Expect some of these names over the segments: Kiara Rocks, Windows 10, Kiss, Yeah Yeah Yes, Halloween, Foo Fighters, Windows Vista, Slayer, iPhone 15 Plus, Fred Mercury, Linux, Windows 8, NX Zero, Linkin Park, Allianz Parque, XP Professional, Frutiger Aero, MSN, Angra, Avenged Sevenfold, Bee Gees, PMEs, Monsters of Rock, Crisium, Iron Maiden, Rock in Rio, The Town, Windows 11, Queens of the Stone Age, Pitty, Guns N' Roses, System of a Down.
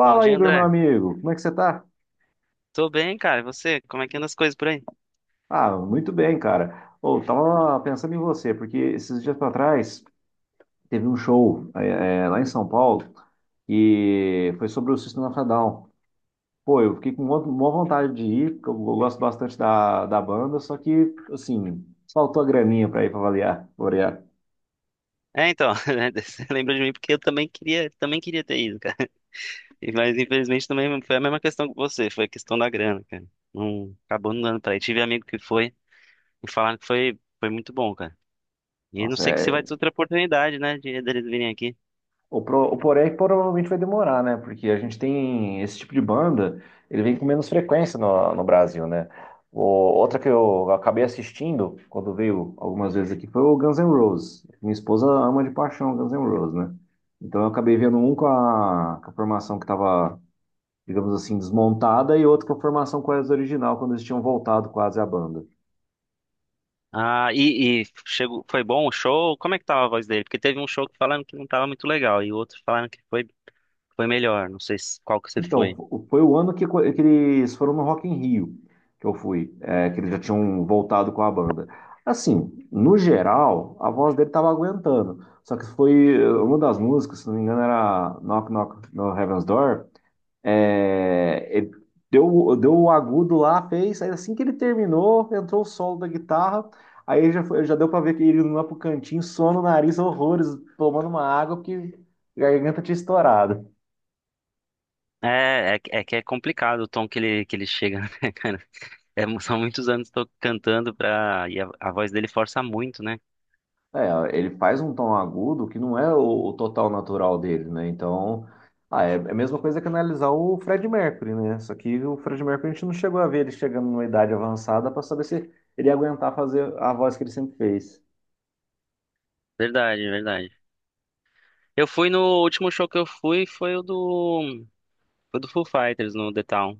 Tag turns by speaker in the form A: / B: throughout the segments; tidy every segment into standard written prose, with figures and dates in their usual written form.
A: Bom dia,
B: Igor, meu
A: André.
B: amigo, como é que você tá?
A: Tô bem, cara. E você? Como é que anda as coisas por aí?
B: Ah, muito bem, cara. Ô, tava pensando em você, porque esses dias pra trás teve um show lá em São Paulo e foi sobre o System of a Down. Pô, eu fiquei com uma vontade de ir, porque eu gosto bastante da banda, só que, assim, faltou a graninha pra ir pra avaliar, variar.
A: Né, você lembra de mim porque eu também queria, ter ido, cara. Mas infelizmente também foi a mesma questão que você, foi a questão da grana, cara. Não, acabou não dando pra ir. Tive amigo que foi e falaram que foi muito bom, cara. E não
B: Nossa,
A: sei que se vai
B: é.
A: ter outra oportunidade, né, de deles virem aqui.
B: O porém é que provavelmente vai demorar, né? Porque a gente tem esse tipo de banda, ele vem com menos frequência no Brasil, né? Outra que eu acabei assistindo quando veio algumas vezes aqui foi o Guns N' Roses. Minha esposa ama de paixão Guns N' Roses, né? Então eu acabei vendo um com a formação que estava, digamos assim, desmontada, e outro com a formação quase original, quando eles tinham voltado quase à banda.
A: E chegou, foi bom o show? Como é que tava a voz dele? Porque teve um show que falaram que não tava muito legal e outro falaram que foi melhor. Não sei qual que você
B: Então,
A: foi.
B: foi o ano que, que eles foram no Rock in Rio, que eu fui, que eles já tinham voltado com a banda. Assim, no geral, a voz dele tava aguentando. Só que uma das músicas, se não me engano, era Knock Knock no Heaven's Door. É, ele deu o agudo lá, fez. Aí assim que ele terminou, entrou o solo da guitarra. Aí já, já deu pra ver que ele não ia pro cantinho, sono, nariz, horrores, tomando uma água, porque a garganta tinha estourado.
A: Que é complicado o tom que que ele chega, né, cara? É, são muitos anos que tô cantando pra. E a voz dele força muito, né?
B: É, ele faz um tom agudo que não é o total natural dele, né? Então, ah, é a mesma coisa que analisar o Fred Mercury, né? Só que o Fred Mercury a gente não chegou a ver ele chegando numa idade avançada para saber se ele ia aguentar fazer a voz que ele sempre fez.
A: Verdade, verdade. Eu fui no o último show que eu fui, foi o do. Foi do Foo Fighters no The Town.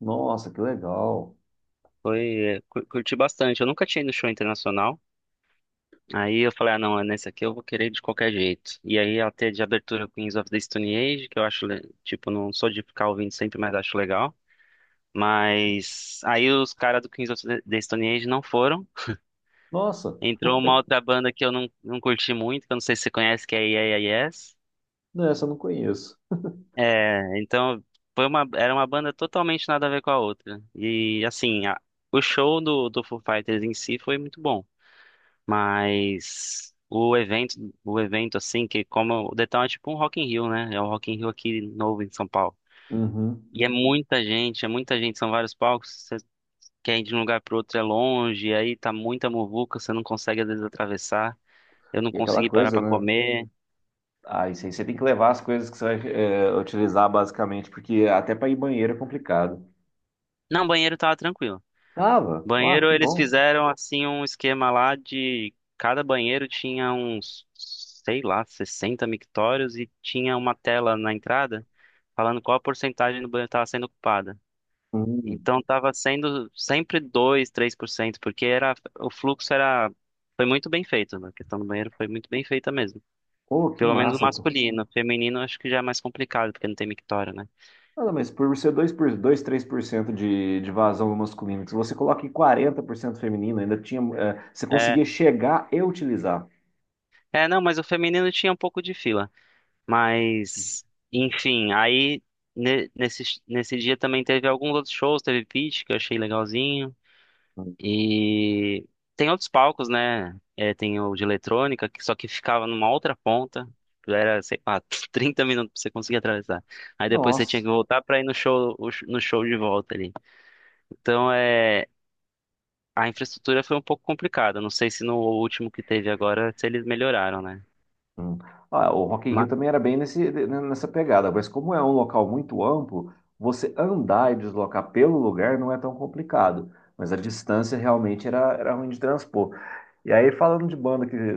B: Nossa, que legal.
A: Foi. Curti bastante. Eu nunca tinha ido no show internacional. Aí eu falei, ah, não, é nesse aqui eu vou querer de qualquer jeito. E aí até de abertura Queens of the Stone Age, que eu acho, tipo, não sou de ficar ouvindo sempre, mas acho legal. Mas aí os caras do Queens of the Stone Age não foram.
B: Nossa,
A: Entrou uma outra banda que eu não curti muito, que eu não sei se você conhece, que é Yeah Yeah Yes.
B: não, essa eu não conheço.
A: É, então foi era uma banda totalmente nada a ver com a outra. E assim, o show do Foo Fighters em si foi muito bom, mas o evento assim, que como o Detal é tipo um Rock in Rio, né? É o Rock in Rio aqui novo em São Paulo.
B: Uhum.
A: E é muita gente, são vários palcos, você quer ir de um lugar pro outro é longe, aí tá muita muvuca, você não consegue às vezes atravessar. Eu não
B: E aquela
A: consegui parar
B: coisa,
A: pra
B: né?
A: comer.
B: Ah, isso aí você tem que levar as coisas que você vai utilizar basicamente, porque até para ir banheiro é complicado.
A: Não, banheiro tava tranquilo.
B: Tava, ah,
A: Banheiro
B: que
A: eles
B: bom.
A: fizeram assim um esquema lá de cada banheiro tinha uns, sei lá, 60 mictórios e tinha uma tela na entrada falando qual a porcentagem do banheiro estava sendo ocupada.
B: Hum.
A: Então estava sendo sempre 2, 3%, porque era o fluxo era foi muito bem feito, né? A questão do banheiro foi muito bem feita mesmo.
B: Pô, que
A: Pelo menos o
B: massa.
A: masculino, o feminino acho que já é mais complicado porque não tem mictório, né?
B: Nada, mas por ser dois 3% de vazão masculino, se você coloca em 40% feminino, ainda tinha, você
A: É,
B: conseguia chegar e utilizar.
A: não, mas o feminino tinha um pouco de fila. Mas, enfim, aí nesse dia também teve alguns outros shows, teve Pitty, que eu achei legalzinho. E tem outros palcos, né? É, tem o de eletrônica, que só que ficava numa outra ponta. Era, sei lá, 30 minutos pra você conseguir atravessar. Aí depois você tinha
B: Nossa.
A: que voltar pra ir no show, no show de volta ali. Então, é, a infraestrutura foi um pouco complicada. Não sei se no último que teve agora, se eles melhoraram, né?
B: Hum. Ah, o Rock in Rio
A: Mas,
B: também era bem nessa pegada, mas como é um local muito amplo, você andar e deslocar pelo lugar não é tão complicado, mas a distância realmente era ruim de transpor. E aí, falando de banda,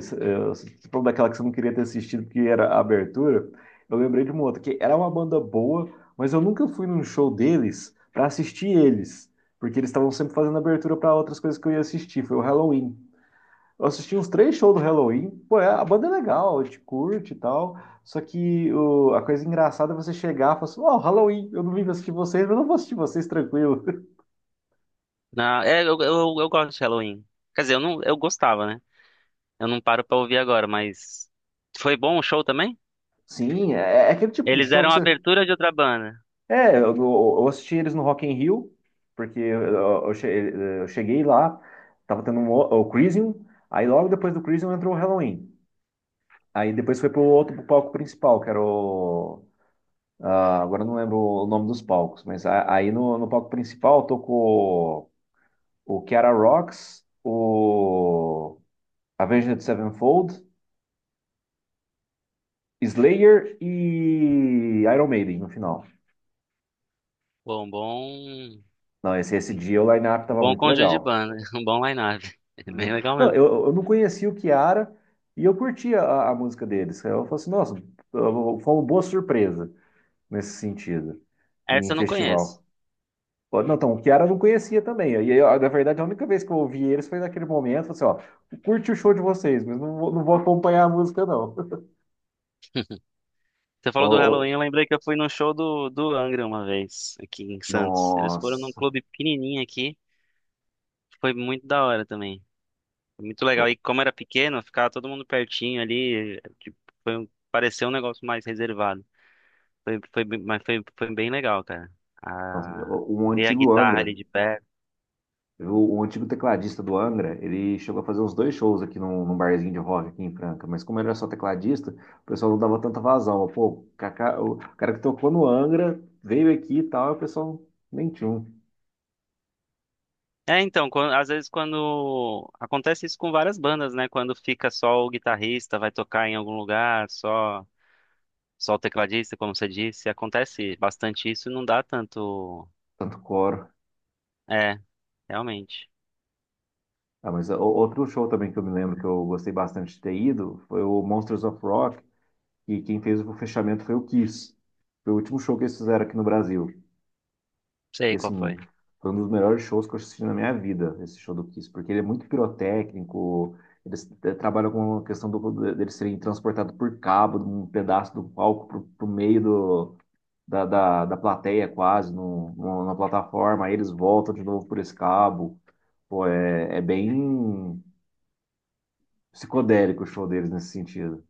B: você falou daquela que você não queria ter assistido, porque era a abertura. Eu lembrei de uma outra, que era uma banda boa, mas eu nunca fui num show deles para assistir eles, porque eles estavam sempre fazendo abertura para outras coisas que eu ia assistir, foi o Halloween. Eu assisti uns três shows do Halloween. Pô, a banda é legal, a gente curte e tal. Só que a coisa engraçada é você chegar e falar assim: Ó, Halloween, eu não vim pra assistir vocês, mas eu não vou assistir vocês tranquilo.
A: na, é, eu gosto de Halloween. Quer dizer, eu gostava, né? Eu não paro pra ouvir agora, mas. Foi bom o show também?
B: Sim, é aquele tipo de
A: Eles
B: show
A: deram
B: que
A: a
B: você.
A: abertura de outra banda.
B: É, eu assisti eles no Rock in Rio, porque eu che- eu cheguei lá, tava tendo o Crisium, aí logo depois do Crisium entrou o Halloween. Aí depois foi pro palco principal, que era o. Ah, agora eu não lembro o nome dos palcos, mas aí no palco principal tocou o Kiara Rocks, o Avenged Sevenfold, Slayer e Iron Maiden no final.
A: Bom, bom.
B: Não, esse dia o line-up tava
A: Bom
B: muito
A: conjunto de
B: legal.
A: banda. Um bom line-up.
B: Uhum.
A: Bem legal
B: Não,
A: mesmo.
B: eu não conhecia o Kiara, e eu curtia a música deles. Eu falei assim, nossa, foi uma boa surpresa nesse sentido, em
A: Essa eu não conheço.
B: festival. Não, então, o Kiara eu não conhecia também. E aí, ó, na verdade, a única vez que eu ouvi eles foi naquele momento. Eu falei assim, ó, curte o show de vocês, mas não vou acompanhar a música, não.
A: Você
B: Ó,
A: falou do Halloween,
B: ó,
A: eu lembrei que eu fui no show do Angra uma vez, aqui em Santos. Eles foram num
B: nossa.
A: clube pequenininho aqui. Foi muito da hora também. Foi muito
B: O-
A: legal. E como era pequeno, ficava todo mundo pertinho ali. Tipo, pareceu um negócio mais reservado. Mas foi, foi bem legal, cara.
B: Nossa,
A: Ah,
B: um
A: ver a
B: antigo
A: guitarra
B: Angra,
A: ali de perto.
B: o antigo tecladista do Angra, ele chegou a fazer uns dois shows aqui num barzinho de rock aqui em Franca, mas como ele era só tecladista, o pessoal não dava tanta vazão. Pô, o cara que tocou no Angra veio aqui e tal, e o pessoal nem tinha um
A: Às vezes quando. Acontece isso com várias bandas, né? Quando fica só o guitarrista, vai tocar em algum lugar, só o tecladista, como você disse. Acontece bastante isso e não dá tanto.
B: tanto coro.
A: É, realmente.
B: Ah, mas outro show também que eu me lembro que eu gostei bastante de ter ido foi o Monsters of Rock, e quem fez o fechamento foi o Kiss. Foi o último show que eles fizeram aqui no Brasil. E
A: Sei qual
B: assim,
A: foi.
B: foi um dos melhores shows que eu assisti na minha vida, esse show do Kiss, porque ele é muito pirotécnico. Eles trabalham com a questão deles serem transportados por cabo, de um pedaço do palco pro meio da plateia quase, na plataforma, aí eles voltam de novo por esse cabo. Pô, é bem psicodélico o show deles nesse sentido.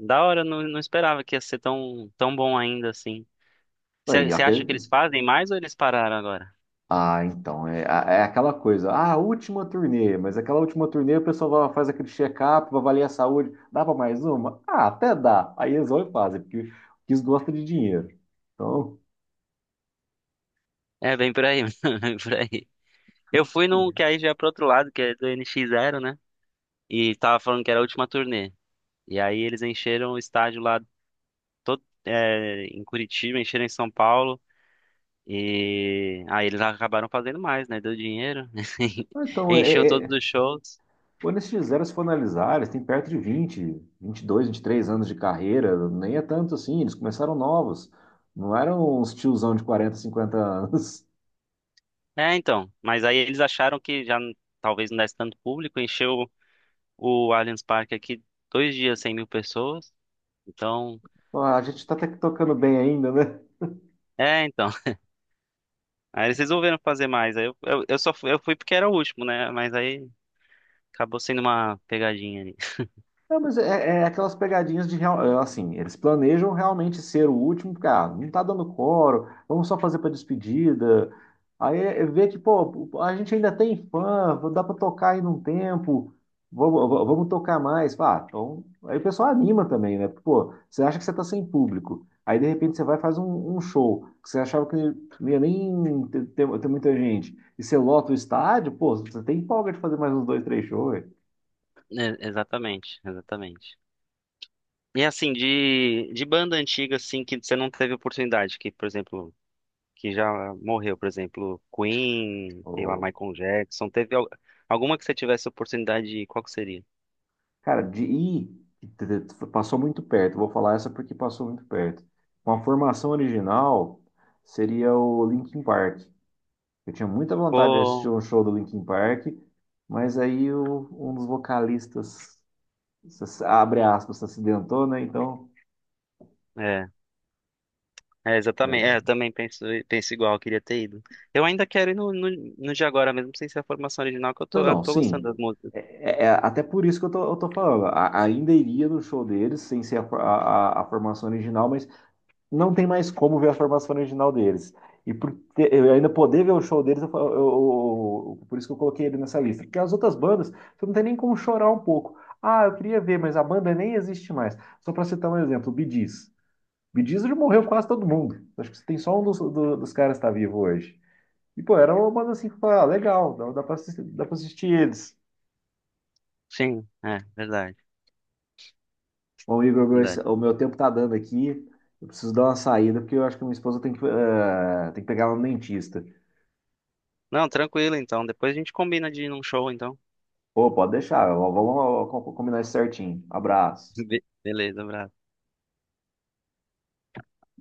A: Da hora, não, não esperava que ia ser tão bom ainda assim.
B: Aí,
A: Você acha que
B: aquele,
A: eles fazem mais ou eles pararam agora?
B: ah, então, é aquela coisa. Ah, última turnê, mas aquela última turnê o pessoal faz aquele check-up, vai avaliar a saúde. Dá para mais uma? Ah, até dá. Aí eles vão e fazem, porque eles gostam de dinheiro. Então,
A: É, bem por aí, bem por aí. Eu fui num que aí já é pro outro lado, que é do NX Zero, né? E tava falando que era a última turnê. E aí eles encheram o estádio lá todo, é, em Curitiba, encheram em São Paulo. E aí eles acabaram fazendo mais, né? Deu dinheiro.
B: ah, então
A: Encheu
B: é,
A: todos
B: é,
A: os shows.
B: quando eles fizeram, se for analisar, eles têm perto de 20, 22, 23 anos de carreira, nem é tanto assim, eles começaram novos. Não eram uns tiozão de 40, 50 anos.
A: É, então. Mas aí eles acharam que talvez não desse tanto público. Encheu o Allianz Parque aqui dois dias, 100 mil pessoas. Então.
B: Ah, a gente tá até que tocando bem ainda, né?
A: É, então. Aí eles resolveram fazer mais. Eu só fui, eu fui porque era o último, né? Mas aí. Acabou sendo uma pegadinha ali.
B: É, mas é aquelas pegadinhas de assim, eles planejam realmente ser o último, porque ah, não tá dando coro, vamos só fazer para despedida. Aí é ver que, pô, a gente ainda tem fã, dá para tocar ainda um tempo, vamos tocar mais. Ah, então, aí o pessoal anima também, né? Pô, você acha que você tá sem público. Aí de repente você vai e faz um show que você achava que não ia nem ter muita gente. E você lota o estádio, pô, você tem folga de fazer mais uns dois, três shows.
A: É, exatamente, exatamente. E assim, de banda antiga, assim, que você não teve oportunidade, que, por exemplo, que já morreu, por exemplo, Queen, sei lá, Michael Jackson, teve alguma que você tivesse oportunidade de ir, qual que seria?
B: Cara, de ir, passou muito perto. Vou falar essa porque passou muito perto. Uma formação original seria o Linkin Park. Eu tinha muita vontade de assistir
A: Pô,
B: um show do Linkin Park, mas aí um dos vocalistas, abre aspas, se acidentou, né? Então.
A: é, exatamente, é,
B: É,
A: eu também penso, penso igual, eu queria ter ido. Eu ainda quero ir no de agora, mesmo sem ser a formação original, que
B: não,
A: eu
B: não,
A: tô gostando
B: sim.
A: das músicas.
B: É, é até por isso que eu tô falando. Ainda iria no show deles, sem ser a, a formação original, mas não tem mais como ver a formação original deles. E por eu ainda poder ver o show deles, eu, fa- eu- por isso que eu coloquei ele nessa lista. Porque as outras bandas, você não tem nem como chorar um pouco. Ah, eu queria ver, mas a banda nem existe mais. Só para citar um exemplo, o Bee Gees. Bee Gees já morreu quase todo mundo. Acho que tem só um dos caras que está vivo hoje. E, pô, era uma banda assim que falava, ah, legal, dá para assistir, dá pra assistir eles.
A: Sim, é, verdade,
B: Bom, Igor,
A: verdade.
B: o meu tempo tá dando aqui. Eu preciso dar uma saída, porque eu acho que minha esposa tem que pegar ela no dentista.
A: Não, tranquilo, então, depois a gente combina de ir num show, então.
B: Pô, pode deixar. Vamos combinar isso certinho. Abraço.
A: Beleza, abraço.